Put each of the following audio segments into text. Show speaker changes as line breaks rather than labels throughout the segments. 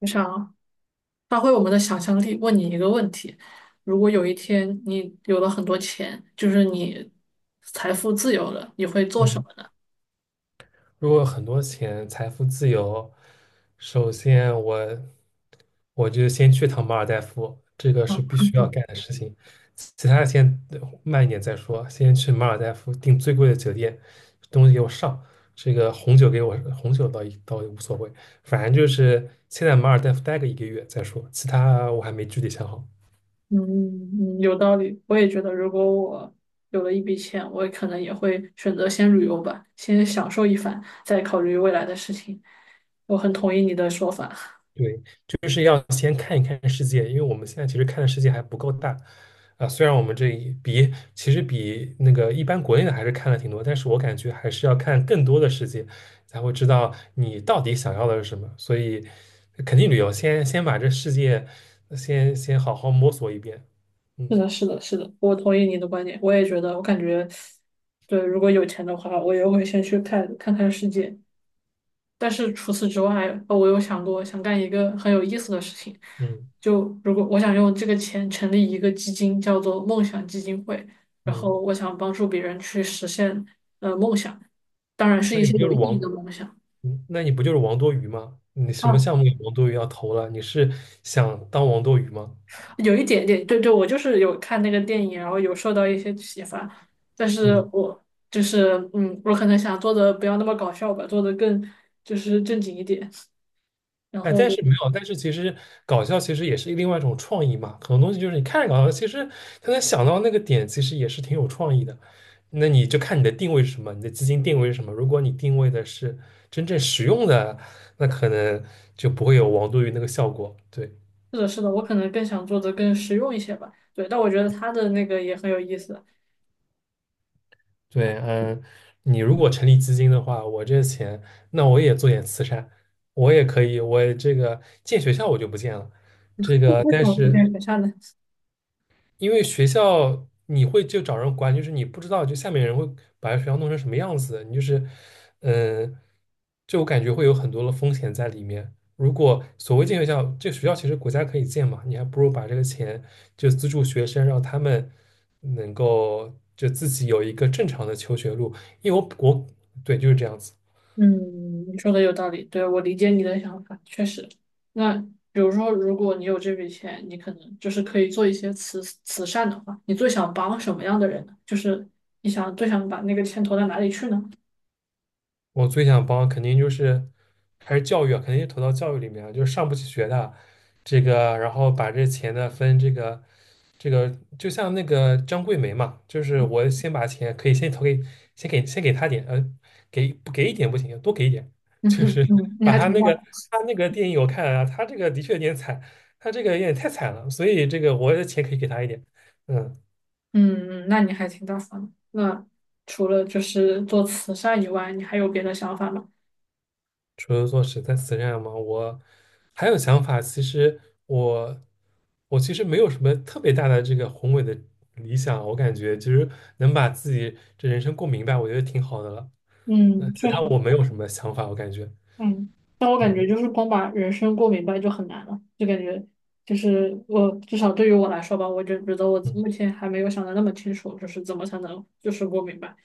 我想发挥我们的想象力，问你一个问题：如果有一天你有了很多钱，就是你财富自由了，你会做什
嗯，
么呢？
如果有很多钱，财富自由，首先我就先去趟马尔代夫，这个是必
嗯
须要干的事情。其他的先慢一点再说，先去马尔代夫订最贵的酒店，东西给我上，这个红酒给我红酒倒也无所谓，反正就是先在马尔代夫待个一个月再说，其他我还没具体想好。
嗯,有道理。我也觉得，如果我有了一笔钱，我可能也会选择先旅游吧，先享受一番，再考虑未来的事情。我很同意你的说法。
对，就是要先看一看世界，因为我们现在其实看的世界还不够大啊。虽然我们这一比其实比那个一般国内的还是看了挺多，但是我感觉还是要看更多的世界，才会知道你到底想要的是什么。所以，肯定旅游先把这世界先好好摸索一遍。嗯
是的，是的，是的，我同意你的观点。我也觉得，我感觉，对，如果有钱的话，我也会先去看看世界，但是除此之外，我有想过想干一个很有意思的事情，
嗯
就如果我想用这个钱成立一个基金，叫做梦想基金会，然后
嗯，
我想帮助别人去实现梦想，当然是
那
一
你不
些
就
有
是
意义的
王？
梦想。
那你不就是王多鱼吗？你什么
啊，
项目有王多鱼要投了？你是想当王多鱼吗？
有一点点，对对，我就是有看那个电影，然后有受到一些启发，但是
嗯。
我就是我可能想做的不要那么搞笑吧，做的更就是正经一点，然
哎，但
后。
是没有，但是其实搞笑其实也是另外一种创意嘛。很多东西就是你看着搞笑，其实他能想到那个点，其实也是挺有创意的。那你就看你的定位是什么，你的基金定位是什么。如果你定位的是真正实用的，那可能就不会有王多鱼那个效果。对
是的，是的，我可能更想做的更实用一些吧。对，但我觉得他的那个也很有意思。
对，嗯，你如果成立基金的话，我这钱，那我也做点慈善，我也可以，我这个建学校我就不建了，这个
为什
但
么不变
是。
学校呢？
因为学校你会就找人管，就是你不知道，就下面人会把学校弄成什么样子，你就是，嗯、就我感觉会有很多的风险在里面。如果所谓建学校，这学校其实国家可以建嘛，你还不如把这个钱就资助学生，让他们能够就自己有一个正常的求学路。因为我对就是这样子，
嗯，你说的有道理，对，我理解你的想法，确实。那比如说，如果你有这笔钱，你可能就是可以做一些慈善的话，你最想帮什么样的人呢？就是你想最想把那个钱投到哪里去呢？
我最想帮，肯定就是还是教育啊，肯定是投到教育里面啊，就是上不起学的这个，然后把这钱呢分这个，就像那个张桂梅嘛，就是我先把钱可以先投给，先给她点，给不给一点不行，多给一点，
嗯
就
哼，
是
嗯，你
把
还
她
挺
那
大
个
方。
她那个电影我看了啊，她这个的确有点惨，她这个有点太惨了，所以这个我的钱可以给她一点，嗯。
嗯，那你还挺大方的。那除了就是做慈善以外，你还有别的想法吗？
除了做十三慈善吗？我还有想法。其实我我其实没有什么特别大的这个宏伟的理想，我感觉其实能把自己这人生过明白，我觉得挺好的了。
嗯，
其
确
他
实。
我没有什么想法，我感觉，
嗯，但我感觉
嗯
就是光把人生过明白就很难了，就感觉就是我至少对于我来说吧，我就觉得我
嗯，
目前还没有想的那么清楚，就是怎么才能就是过明白。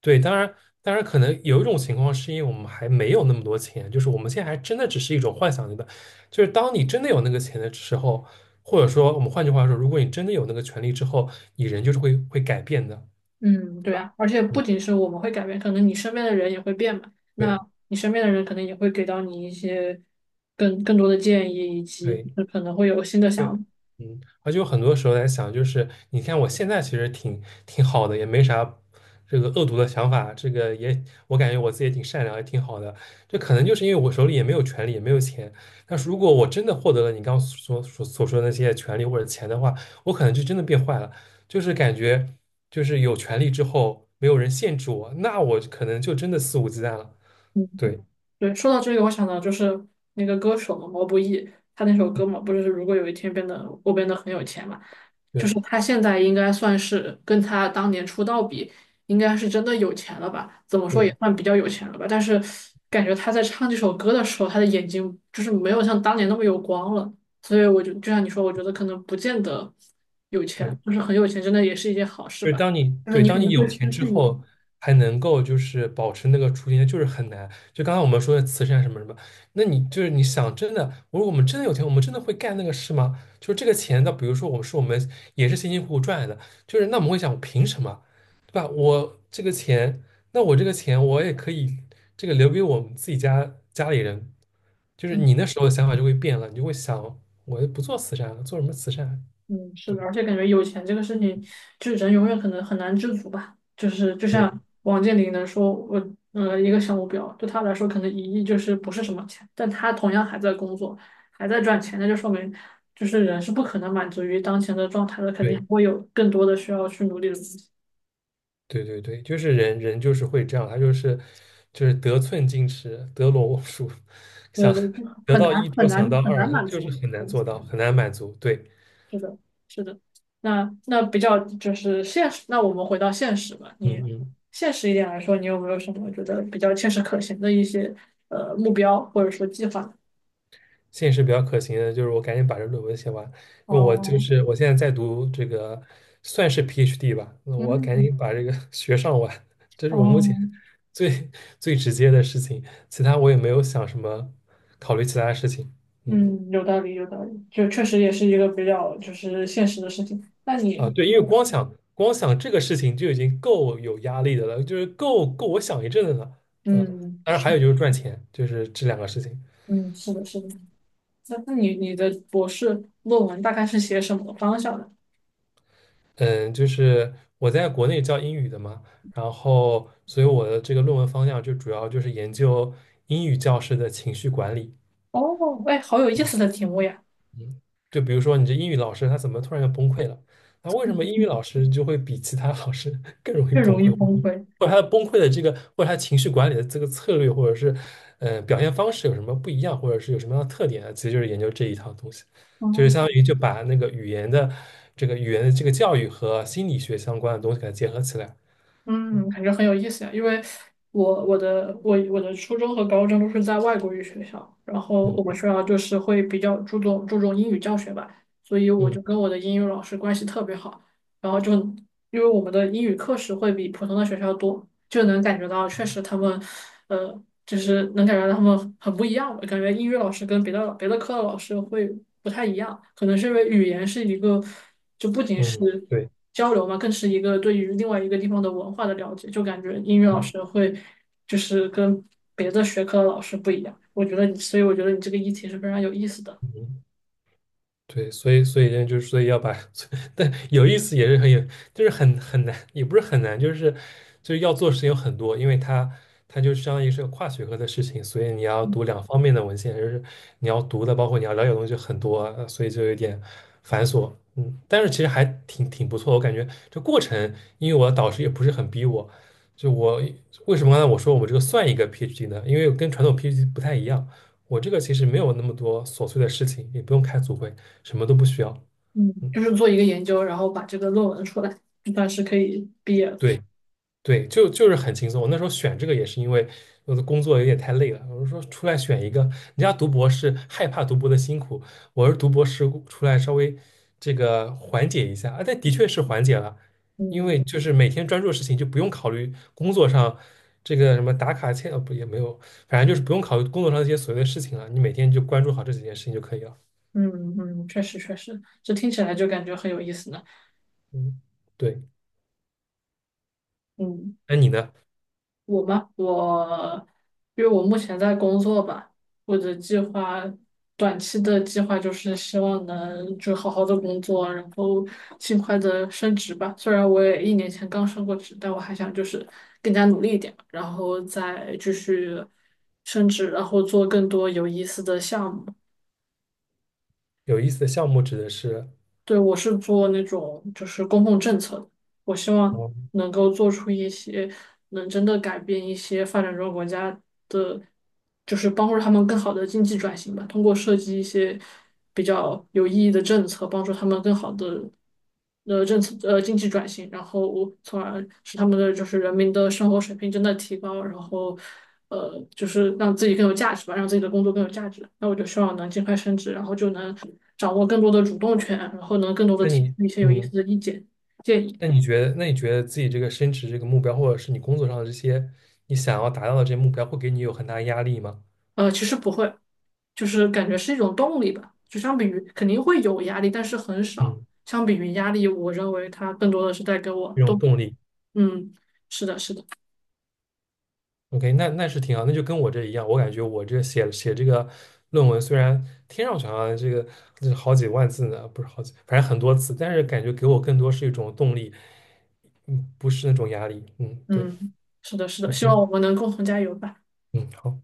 对，当然，可能有一种情况是因为我们还没有那么多钱，就是我们现在还真的只是一种幻想阶段，就是当你真的有那个钱的时候，或者说我们换句话说，如果你真的有那个权利之后，你人就是会改变的。
嗯，
对
对
吧？
啊，而且
嗯，
不仅是我们会改变，可能你身边的人也会变嘛，那
对
你身边的人可能也会给到你一些更多的建议，以及
对
可能会有新的想
对，
法。
嗯，而且有很多时候在想，就是你看我现在其实挺好的，也没啥这个恶毒的想法，这个也我感觉我自己也挺善良，也挺好的。这可能就是因为我手里也没有权利，也没有钱。但是如果我真的获得了你刚刚所说的那些权利或者钱的话，我可能就真的变坏了，就是感觉就是有权利之后没有人限制我，那我可能就真的肆无忌惮了。
嗯
对，
对，说到这个，我想到就是那个歌手嘛，毛不易，他那首
嗯
歌嘛，不是如果有一天变得我变得很有钱嘛，就是
对
他现在应该算是跟他当年出道比，应该是真的有钱了吧？怎么说也
对
算比较有钱了吧？但是感觉他在唱这首歌的时候，他的眼睛就是没有像当年那么有光了，所以我就像你说，我觉得可能不见得
对。
就是很有钱，真的也是一件好事
就是
吧，
当你
就是
对
你肯
当你
定会
有
失
钱之
去你。
后，还能够就是保持那个初心，就是很难。就刚刚我们说的慈善什么什么，那你就是你想真的，我说我们真的有钱，我们真的会干那个事吗？就是这个钱那比如说我们也是辛辛苦苦赚来的，就是那我们会想，凭什么，对吧？我这个钱，那我这个钱我也可以这个留给我们自己家家里人，就是
嗯
你那时候的想法就会变了，你就会想，我不做慈善了，做什么慈善啊？
嗯，是
对
的，而且感觉有钱这个事情，就是人永远可能很难知足吧。就是就像
对
王健林能说，我一个小目标，对他来说可能1亿就是不是什么钱，但他同样还在工作，还在赚钱，那就说明就是人是不可能满足于当前的状态的，肯定
对。
还会有更多的需要去努力的东西，
对对对，就是人人就是会这样，他就是得寸进尺，得陇望蜀，
对
想
对，就
得
很
到一
难
就
很
想到
难很
二，
难
他
满
就是
足。
很难
嗯
做到，很难满足。对，
是的，是的。那那比较就是现实，那我们回到现实吧。
嗯
你
嗯，
现实一点来说，你有没有什么觉得比较切实可行的一些目标或者说计划
现实比较可行的就是我赶紧把这论文写完，因为我就
哦，
是我现在在读这个算是 PhD 吧，那我赶
嗯，
紧把这个 学上完，这是我目前
哦，
最最直接的事情，其他我也没有想什么考虑其他的事情。嗯。
嗯，有道理，有道理，就确实也是一个比较就是现实的事情。那
啊，
你，
对，因为光想这个事情就已经够有压力的了，就是够我想一阵子了。嗯，
嗯
当然还有就是赚钱，就是这两个事情。
嗯，是的，是的。那那你你的博士论文大概是写什么方向的？
嗯，就是我在国内教英语的嘛，然后所以我的这个论文方向就主要就是研究英语教师的情绪管理。
哦，哎，好有意思的题目呀
就比如说你这英语老师他怎么突然就崩溃了？那为什么英语老 师就会比其他老师 更容易
越
崩
容易
溃？
崩溃。
或者他的崩溃的这个，或者他情绪管理的这个策略，或者是表现方式有什么不一样，或者是有什么样的特点啊？其实就是研究这一套东西，就是
哦
相当于就把那个语言的这个语言的这个教育和心理学相关的东西给它结合起来。
嗯，
嗯
感觉很有意思呀。因为我的初中和高中都是在外国语学校，然后我们
嗯
学校就是会比较注重英语教学吧，所以我
嗯
就跟我的英语老师关系特别好。然后就因为我们的英语课时会比普通的学校多，就能感觉到确实他们，呃，就是能感觉到他们很不一样吧。感觉英语老师跟别的科的老师会不太一样，可能是因为语言是一个。
嗯，对，
交流嘛，更是一个对于另外一个地方的文化的了解。就感觉英语老
嗯
师会就是跟别的学科的老师不一样。我觉得你，所以我觉得你这个议题是非常有意思的。
嗯。对，所以呢就是所以要把，但有意思也是很有，就是很难，也不是很难，就是要做事情有很多，因为它就相当于是个跨学科的事情，所以你要读两方面的文献，就是你要读的，包括你要了解的东西就很多，所以就有点繁琐，嗯，但是其实还挺不错，我感觉这过程，因为我的导师也不是很逼我，就我为什么刚才我说我这个算一个 PhD 呢？因为跟传统 PhD 不太一样。我这个其实没有那么多琐碎的事情，也不用开组会，什么都不需要。
嗯，
嗯，
就是做一个研究，然后把这个论文出来，就算是可以毕业了。
对对，就是很轻松。我那时候选这个也是因为我的工作有点太累了，我就说出来选一个。人家读博士害怕读博的辛苦，我是读博士出来稍微这个缓解一下啊，但的确是缓解了，因
嗯
为就是每天专注的事情就不用考虑工作上这个什么打卡签不也没有，反正就是不用考虑工作上这些琐碎的事情了，你每天就关注好这几件事情就可以了。
嗯嗯，确实确实，这听起来就感觉很有意思呢。
嗯，对，
嗯。
那你呢？
我吗？我，因为我目前在工作吧，我的计划，短期的计划就是希望能就好好的工作，然后尽快的升职吧。虽然我也1年前刚升过职，但我还想就是更加努力一点，然后再继续升职，然后做更多有意思的项目。
有意思的项目指的是，
对，我是做那种就是公共政策的，我希望
哦，
能够做出一些能真的改变一些发展中国家的，就是帮助他们更好的经济转型吧，通过设计一些比较有意义的政策，帮助他们更好的的政策经济转型，然后从而使他们的就是人民的生活水平真的提高，然后就是让自己更有价值吧，让自己的工作更有价值。那我就希望能尽快升职，然后就能掌握更多的主动权，然后能更多的
那
提
你，
出一些有意思
嗯，
的意见建议。
那你觉得自己这个升职这个目标，或者是你工作上的这些你想要达到的这些目标，会给你有很大的压力吗？
呃，其实不会，就是感觉是一种动力吧。就相比于肯定会有压力，但是很少。
嗯，
相比于压力，我认为它更多的是带给我
这种
动力。
动力。
嗯，是的，是的，
OK，那是挺好，那就跟我这一样，我感觉我这写写这个论文，虽然听上去好像这是好几万字呢，不是好几，反正很多字，但是感觉给我更多是一种动力，不是那种压力。嗯，对
嗯，是的，是的。希望我
，OK，
们能共同加油吧。
嗯，好。